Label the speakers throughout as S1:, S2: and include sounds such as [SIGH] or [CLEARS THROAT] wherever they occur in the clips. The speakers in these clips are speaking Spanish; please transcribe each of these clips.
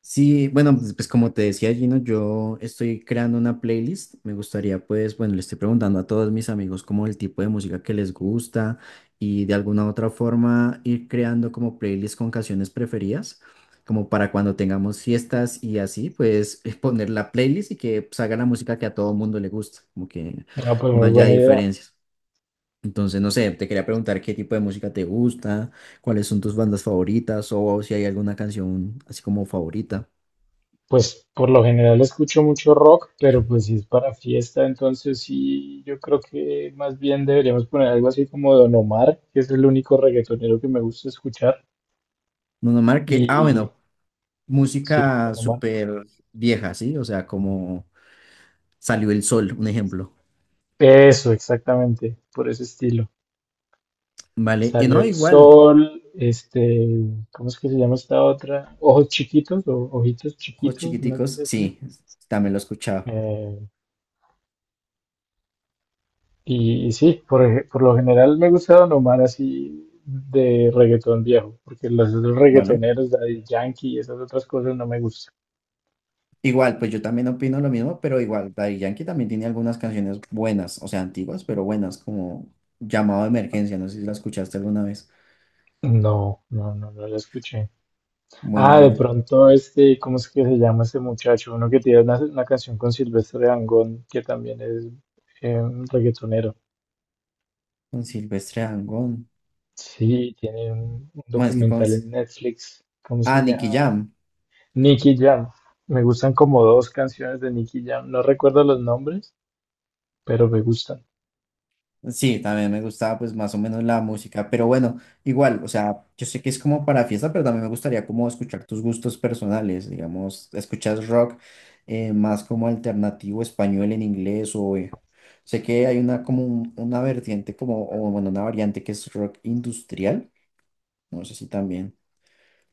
S1: Sí, bueno, pues como te decía Gino, yo estoy creando una playlist. Me gustaría, pues, bueno, le estoy preguntando a todos mis amigos como el tipo de música que les gusta y de alguna u otra forma ir creando como playlist con canciones preferidas, como para cuando tengamos fiestas y así, pues [LAUGHS] poner la playlist y que salga la música que a todo mundo le gusta, como que
S2: Ah, pues
S1: no
S2: muy
S1: haya
S2: buena idea.
S1: diferencias. Entonces, no sé, te quería preguntar qué tipo de música te gusta, cuáles son tus bandas favoritas o si hay alguna canción así como favorita.
S2: Pues por lo general escucho mucho rock, pero pues si es para fiesta, entonces sí, yo creo que más bien deberíamos poner algo así como Don Omar, que es el único reggaetonero que me gusta escuchar.
S1: Bruno Mars, que,
S2: Y
S1: bueno,
S2: sí,
S1: música
S2: Don Omar.
S1: súper vieja, ¿sí? O sea, como Salió el Sol, un ejemplo,
S2: Eso, exactamente, por ese estilo.
S1: ¿vale? Y
S2: Salió
S1: no,
S2: el
S1: igual,
S2: sol, este, ¿cómo es que se llama esta otra? Ojos chiquitos o ojitos
S1: Ojos
S2: chiquitos, una
S1: Chiquiticos,
S2: cosa así.
S1: sí, también lo he escuchado,
S2: Eh, y sí, por lo general me gusta Don Omar así de reggaetón viejo, porque los otros
S1: ¿vale?
S2: reggaetoneros, Daddy Yankee y esas otras cosas no me gustan.
S1: Igual, pues yo también opino lo mismo, pero igual, Daddy Yankee también tiene algunas canciones buenas, o sea, antiguas, pero buenas, como Llamado de Emergencia, no sé si la escuchaste alguna vez.
S2: No, no, no, no lo escuché.
S1: Bueno,
S2: Ah,
S1: hay
S2: de
S1: una
S2: pronto este, ¿cómo es que se llama ese muchacho? Uno que tiene una canción con Silvestre Dangond, que también es un reggaetonero.
S1: con Silvestre Dangond,
S2: Sí, tiene un
S1: bueno, es que con...
S2: documental en Netflix. ¿Cómo
S1: Ah,
S2: se
S1: Nicky
S2: llama?
S1: Jam.
S2: Nicky Jam. Me gustan como dos canciones de Nicky Jam. No recuerdo los nombres, pero me gustan.
S1: Sí, también me gustaba pues más o menos la música, pero bueno, igual, o sea, yo sé que es como para fiesta, pero también me gustaría como escuchar tus gustos personales, digamos, escuchas rock más como alternativo español en inglés o sé que hay una como una vertiente como, o bueno, una variante que es rock industrial, no sé si también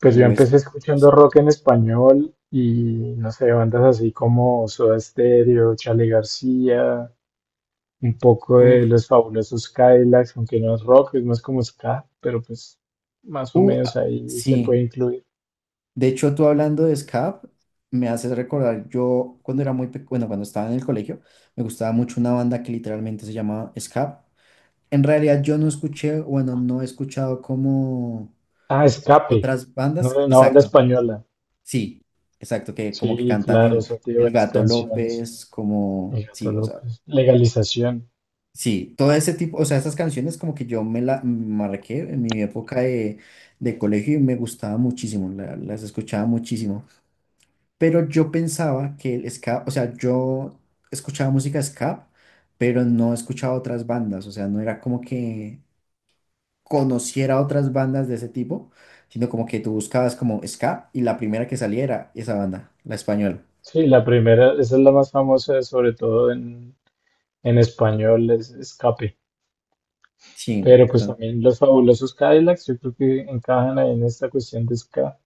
S2: Pues yo
S1: lo es.
S2: empecé escuchando rock en español y no sé, bandas así como Soda Stereo, Charly García, un poco de
S1: Uf,
S2: Los Fabulosos Cadillacs, aunque no es rock, es más como ska, pero pues más o menos
S1: ah,
S2: ahí se
S1: sí.
S2: puede incluir.
S1: De hecho, tú hablando de SCAP, me haces recordar, yo cuando era muy pequeño, bueno, cuando estaba en el colegio, me gustaba mucho una banda que literalmente se llamaba SCAP. En realidad yo no escuché, bueno, no he escuchado como
S2: Ah, Escape,
S1: otras
S2: ¿no?
S1: bandas,
S2: Una banda
S1: exacto,
S2: española.
S1: sí, exacto, que como que
S2: Sí,
S1: cantan
S2: claro, o
S1: el,
S2: sea tiene
S1: el
S2: buenas
S1: Gato
S2: canciones.
S1: López,
S2: Y
S1: como,
S2: Gato
S1: sí, o sea,
S2: López. Legalización.
S1: sí, todo ese tipo, o sea, esas canciones como que yo me la marqué en mi época de colegio y me gustaba muchísimo, las escuchaba muchísimo. Pero yo pensaba que el ska, o sea, yo escuchaba música ska, pero no escuchaba otras bandas, o sea, no era como que conociera otras bandas de ese tipo, sino como que tú buscabas como ska y la primera que saliera esa banda, la española.
S2: Sí, la primera, esa es la más famosa, sobre todo en español, es Escape.
S1: Sí,
S2: Pero pues también los fabulosos Cadillacs, yo creo que encajan ahí en esta cuestión de ska.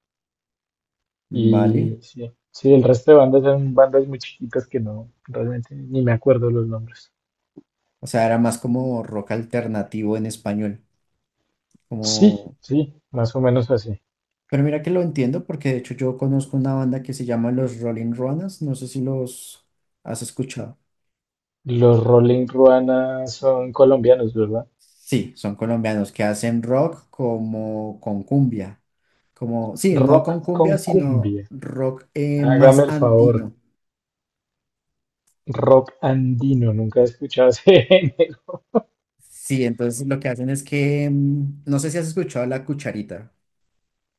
S1: vale.
S2: Y sí, sí, el resto de bandas son bandas muy chiquitas que no, realmente ni me acuerdo los nombres.
S1: O sea, era más como rock alternativo en español,
S2: Sí,
S1: como...
S2: sí, más o menos así.
S1: Pero mira que lo entiendo porque de hecho yo conozco una banda que se llama Los Rolling Ruanas, no sé si los has escuchado.
S2: Los Rolling Ruana son colombianos, ¿verdad?
S1: Sí, son colombianos que hacen rock como con cumbia. Como, sí, no con
S2: Rock
S1: cumbia,
S2: con
S1: sino
S2: cumbia.
S1: rock
S2: Hágame
S1: más
S2: el favor.
S1: andino.
S2: Rock andino, nunca he escuchado ese género.
S1: Sí, entonces lo que hacen es que, no sé si has escuchado la cucharita.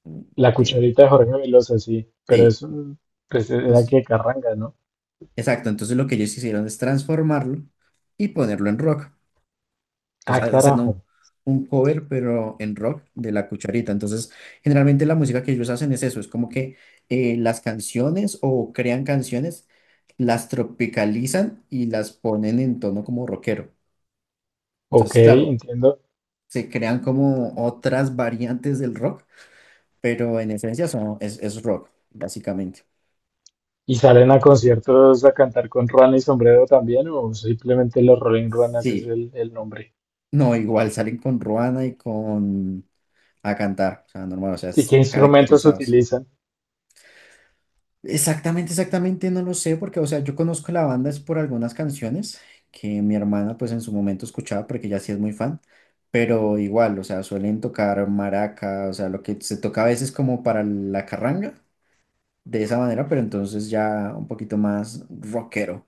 S1: mm,
S2: La
S1: de-
S2: cucharita de Jorge Velosa, sí, pero
S1: sí,
S2: eso, pues era
S1: entonces,
S2: que carranga, ¿no?
S1: exacto, entonces lo que ellos hicieron es transformarlo y ponerlo en rock.
S2: Ah,
S1: Entonces hacen un,
S2: carajo.
S1: un cover, pero en rock, de La Cucharita. Entonces, generalmente la música que ellos hacen es eso, es como que las canciones o crean canciones, las tropicalizan y las ponen en tono como rockero.
S2: Ok,
S1: Entonces, claro,
S2: entiendo.
S1: se crean como otras variantes del rock, pero en esencia son, es rock, básicamente.
S2: ¿Y salen a conciertos a cantar con ruana y sombrero también, o simplemente los Rolling Ruanas es
S1: Sí.
S2: el nombre?
S1: No, igual salen con Ruana y con A Cantar, o sea, normal, o sea,
S2: ¿Y qué
S1: es
S2: instrumentos
S1: caracterizados.
S2: utilizan?
S1: Exactamente, exactamente, no lo sé, porque, o sea, yo conozco la banda es por algunas canciones que mi hermana, pues, en su momento escuchaba, porque ella sí es muy fan, pero igual, o sea, suelen tocar maraca, o sea, lo que se toca a veces como para la carranga, de esa manera, pero entonces ya un poquito más rockero.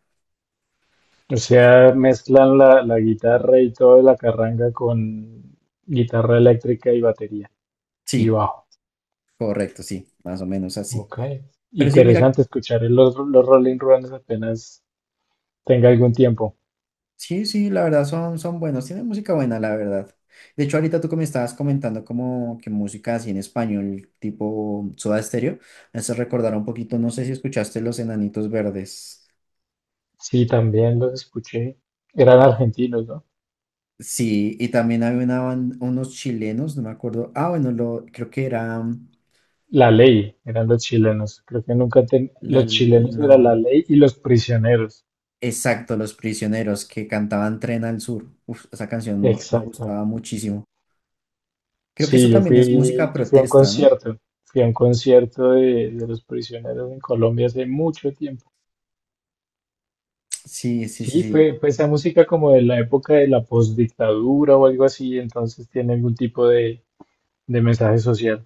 S2: O sea, mezclan la guitarra y toda la carranga con guitarra eléctrica y batería y
S1: Sí,
S2: bajo.
S1: correcto, sí, más o menos así.
S2: Ok.
S1: Pero sí, mira,
S2: Interesante escuchar los Rolling Ruanas apenas tenga algún tiempo.
S1: sí, sí, la verdad son buenos, tienen música buena, la verdad. De hecho, ahorita tú que me estabas comentando como que música así en español, tipo Soda Stereo, me hace recordar un poquito, no sé si escuchaste Los Enanitos Verdes.
S2: Sí, también los escuché. Eran argentinos, ¿no?
S1: Sí, y también había una unos chilenos, no me acuerdo. Ah, bueno, lo, creo que era
S2: La ley, eran los chilenos. Creo que nunca
S1: la,
S2: los chilenos era la
S1: no,
S2: ley y los prisioneros.
S1: exacto, Los Prisioneros que cantaban Tren al Sur. Uf, esa canción me
S2: Exacto.
S1: gustaba muchísimo. Creo que eso
S2: Sí, yo
S1: también es música
S2: fui, yo fui a un
S1: protesta, ¿no?
S2: concierto. Fui a un concierto de Los Prisioneros en Colombia hace mucho tiempo.
S1: Sí, sí, sí,
S2: Sí,
S1: sí.
S2: fue esa música como de la época de la postdictadura o algo así, entonces tiene algún tipo de mensaje social.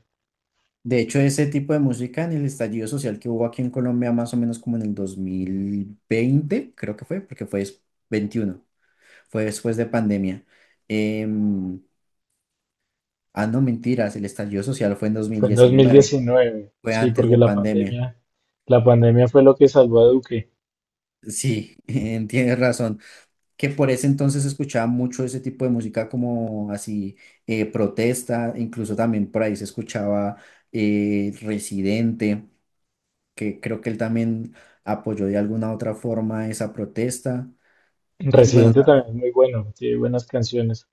S1: De hecho, ese tipo de música en el estallido social que hubo aquí en Colombia más o menos como en el 2020 creo que fue, porque fue 21 fue después de pandemia. Em, ah, no, mentiras, el estallido social fue en dos mil
S2: Fue en dos mil
S1: diecinueve
S2: diecinueve,
S1: fue
S2: sí,
S1: antes
S2: porque
S1: de pandemia.
S2: la pandemia fue lo que salvó a Duque.
S1: Sí, [LAUGHS] tienes razón. Que por ese entonces escuchaba mucho ese tipo de música como así, protesta, incluso también por ahí se escuchaba Residente, que creo que él también apoyó de alguna otra forma esa protesta. Y bueno,
S2: Residente también es muy bueno, tiene buenas canciones.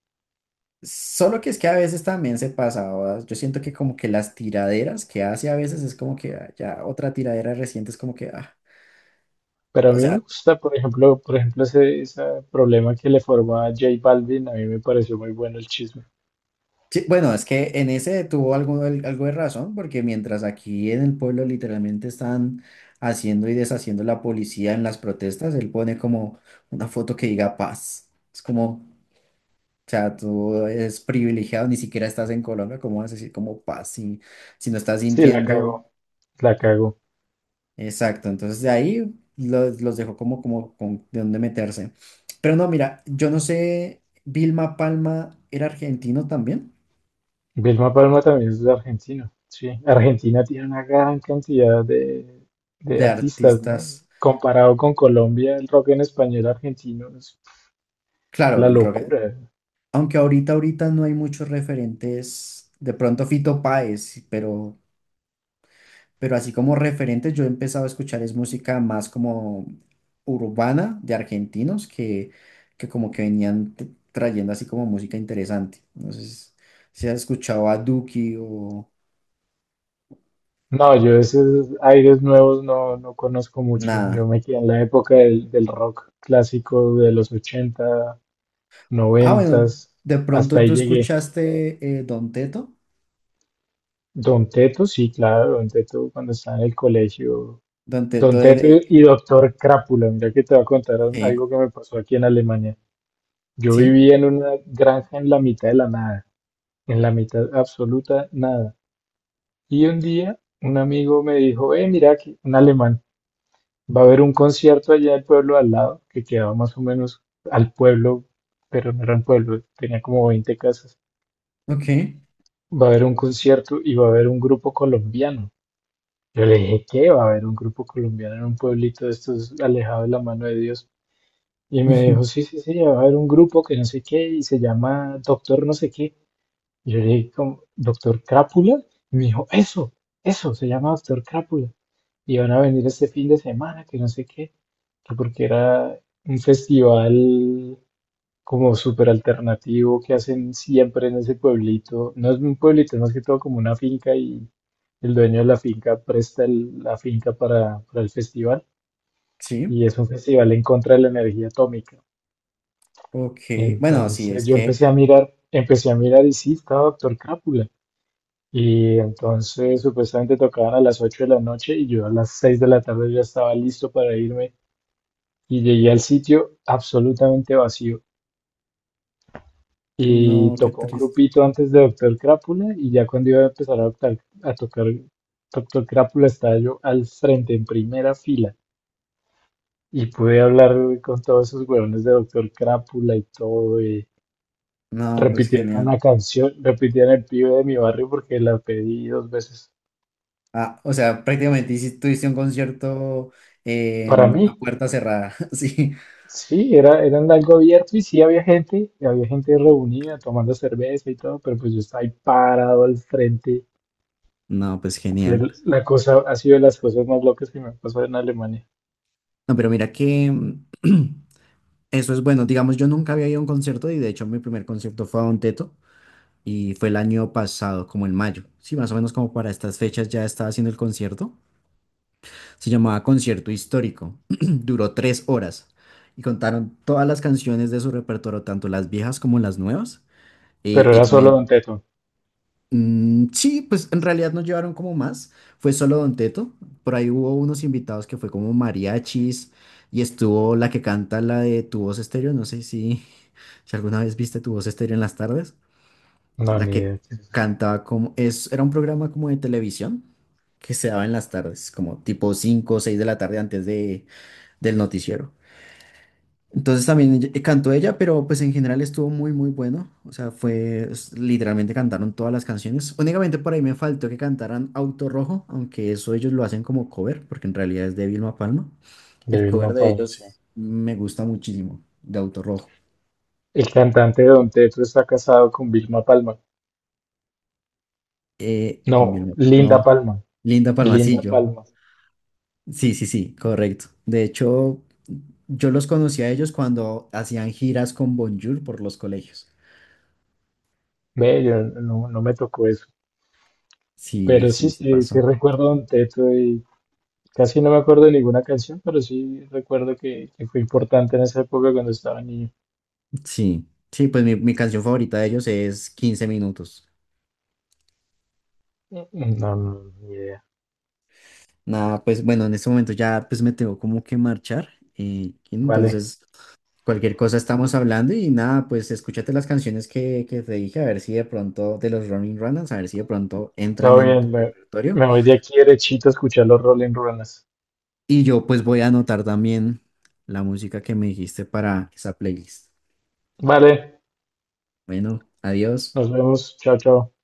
S1: solo que es que a veces también se pasaba, yo siento que como que las tiraderas que hace a veces es como que ah, ya otra tiradera reciente es como que, ah,
S2: Pero a
S1: o
S2: mí me
S1: sea,
S2: gusta, por ejemplo, ese problema que le formó a J Balvin, a mí me pareció muy bueno el chisme.
S1: sí, bueno, es que en ese tuvo algo, algo de razón, porque mientras aquí en el pueblo literalmente están haciendo y deshaciendo la policía en las protestas, él pone como una foto que diga paz. Es como... O sea, tú eres privilegiado, ni siquiera estás en Colombia, ¿cómo vas a decir como paz si, no estás
S2: Sí, la
S1: sintiendo?
S2: cagó, la cagó.
S1: Exacto, entonces de ahí los dejo como con de dónde meterse. Pero no, mira, yo no sé, Vilma Palma era argentino también,
S2: Vilma Palma también es de Argentina. Sí, Argentina tiene una gran cantidad de
S1: de
S2: artistas, ¿no?
S1: artistas,
S2: Comparado con Colombia, el rock en español argentino es
S1: claro,
S2: la
S1: el rock,
S2: locura.
S1: aunque ahorita, ahorita no hay muchos referentes, de pronto Fito Páez, pero así como referentes yo he empezado a escuchar es música más como urbana de argentinos que, como que venían trayendo así como música interesante. No sé si has escuchado a Duki o
S2: No, yo esos aires nuevos no conozco mucho.
S1: nada.
S2: Yo me quedé en la época del rock clásico de los 80,
S1: Ah,
S2: 90,
S1: bueno, de
S2: hasta
S1: pronto tú
S2: ahí llegué.
S1: escuchaste Don Teto.
S2: Don Teto, sí, claro, Don Teto cuando estaba en el colegio.
S1: Don
S2: Don
S1: Teto es
S2: Teto
S1: de...
S2: y Doctor Crápula, mira que te voy a contar
S1: Sí,
S2: algo que me pasó aquí en Alemania. Yo
S1: sí,
S2: vivía en una granja en la mitad de la nada, en la mitad absoluta nada. Y un día un amigo me dijo, mira que un alemán, va a haber un concierto allá en el pueblo al lado, que quedaba más o menos al pueblo, pero no era un pueblo, tenía como 20 casas.
S1: ok.
S2: Va a haber un concierto y va a haber un grupo colombiano. Yo le dije, ¿qué? Va a haber un grupo colombiano en un pueblito de estos alejado de la mano de Dios. Y me dijo,
S1: [LAUGHS]
S2: sí, sí, sí, va a haber un grupo que no sé qué y se llama Doctor no sé qué. Y yo le dije, como, ¿Doctor Crápula? Y me dijo, eso, se llama Doctor Crápula. Y van a venir este fin de semana, que no sé qué, que porque era un festival como súper alternativo que hacen siempre en ese pueblito. No es un pueblito, es más que todo como una finca, y el dueño de la finca presta la finca para el festival.
S1: Sí,
S2: Y es un festival en contra de la energía atómica.
S1: ok. Bueno, sí, es
S2: Entonces yo
S1: que...
S2: empecé a mirar y sí, estaba Doctor Crápula. Y entonces supuestamente tocaban a las 8 de la noche y yo a las 6 de la tarde ya estaba listo para irme, y llegué al sitio absolutamente vacío. Y
S1: No, qué
S2: tocó un
S1: triste.
S2: grupito antes de Doctor Crápula, y ya cuando iba a empezar a tocar Doctor Crápula, estaba yo al frente en primera fila y pude hablar con todos esos huevones de Doctor Crápula y todo.
S1: No, pues
S2: Repitieron
S1: genial.
S2: una canción, repitían el pibe de mi barrio porque la pedí dos veces.
S1: Ah, o sea, prácticamente tuviste un concierto eh,
S2: Para
S1: a
S2: mí,
S1: puerta cerrada, [LAUGHS] sí.
S2: sí, era en algo abierto y sí había gente, y había gente reunida tomando cerveza y todo, pero pues yo estaba ahí parado al frente.
S1: No, pues
S2: Fue
S1: genial.
S2: La cosa ha sido de las cosas más locas que me pasó en Alemania.
S1: No, pero mira que [CLEARS THROAT] eso es bueno. Digamos, yo nunca había ido a un concierto y de hecho mi primer concierto fue a Don Teto y fue el año pasado, como en mayo. Sí, más o menos como para estas fechas ya estaba haciendo el concierto. Se llamaba Concierto Histórico. [CLEARS THROAT] Duró 3 horas y contaron todas las canciones de su repertorio, tanto las viejas como las nuevas. Y,
S2: Pero
S1: y
S2: era solo
S1: también
S2: Don Teto.
S1: Mm, sí, pues en realidad no llevaron como más, fue solo Don Teto, por ahí hubo unos invitados que fue como mariachis y estuvo la que canta la de Tu Voz Estéreo, no sé si, [LAUGHS] si alguna vez viste Tu Voz Estéreo en las tardes,
S2: No,
S1: la
S2: ni
S1: que
S2: idea. Qué es.
S1: cantaba como, es, era un programa como de televisión que se daba en las tardes, como tipo 5 o 6 de la tarde antes de, del noticiero. Entonces también cantó ella, pero pues en general estuvo muy, muy bueno. O sea, fue, literalmente cantaron todas las canciones. Únicamente por ahí me faltó que cantaran Auto Rojo, aunque eso ellos lo hacen como cover, porque en realidad es de Vilma Palma.
S2: De
S1: El cover
S2: Vilma
S1: de
S2: Palma, sí.
S1: ellos me gusta muchísimo, de Auto Rojo.
S2: El cantante de Don Teto está casado con Vilma Palma.
S1: Con
S2: No,
S1: Vilma,
S2: Linda
S1: no,
S2: Palma.
S1: Linda
S2: Linda
S1: Palmacillo.
S2: Palma.
S1: Sí, sí, sí, correcto. De hecho, yo los conocí a ellos cuando hacían giras con Bonjour por los colegios.
S2: Ve, yo no me tocó eso.
S1: Sí,
S2: Pero sí,
S1: sí, sí
S2: sí, sí
S1: pasó.
S2: recuerdo Don Teto y casi no me acuerdo de ninguna canción, pero sí recuerdo que fue importante en esa época cuando estaba niño.
S1: Sí, sí, pues mi, canción favorita de ellos es Quince minutos.
S2: No, no, ni idea.
S1: Nada, pues bueno, en este momento ya pues me tengo como que marchar.
S2: Vale,
S1: Entonces, cualquier cosa estamos hablando y nada, pues escúchate las canciones que te dije, a ver si de pronto, de los Running Runners, a ver si de pronto entran
S2: todo
S1: en tu
S2: bien, me,
S1: repertorio.
S2: me voy de aquí derechito a escuchar los Rolling Runas.
S1: Y yo pues voy a anotar también la música que me dijiste para esa playlist.
S2: Vale,
S1: Bueno, adiós.
S2: nos vemos, chao, chao.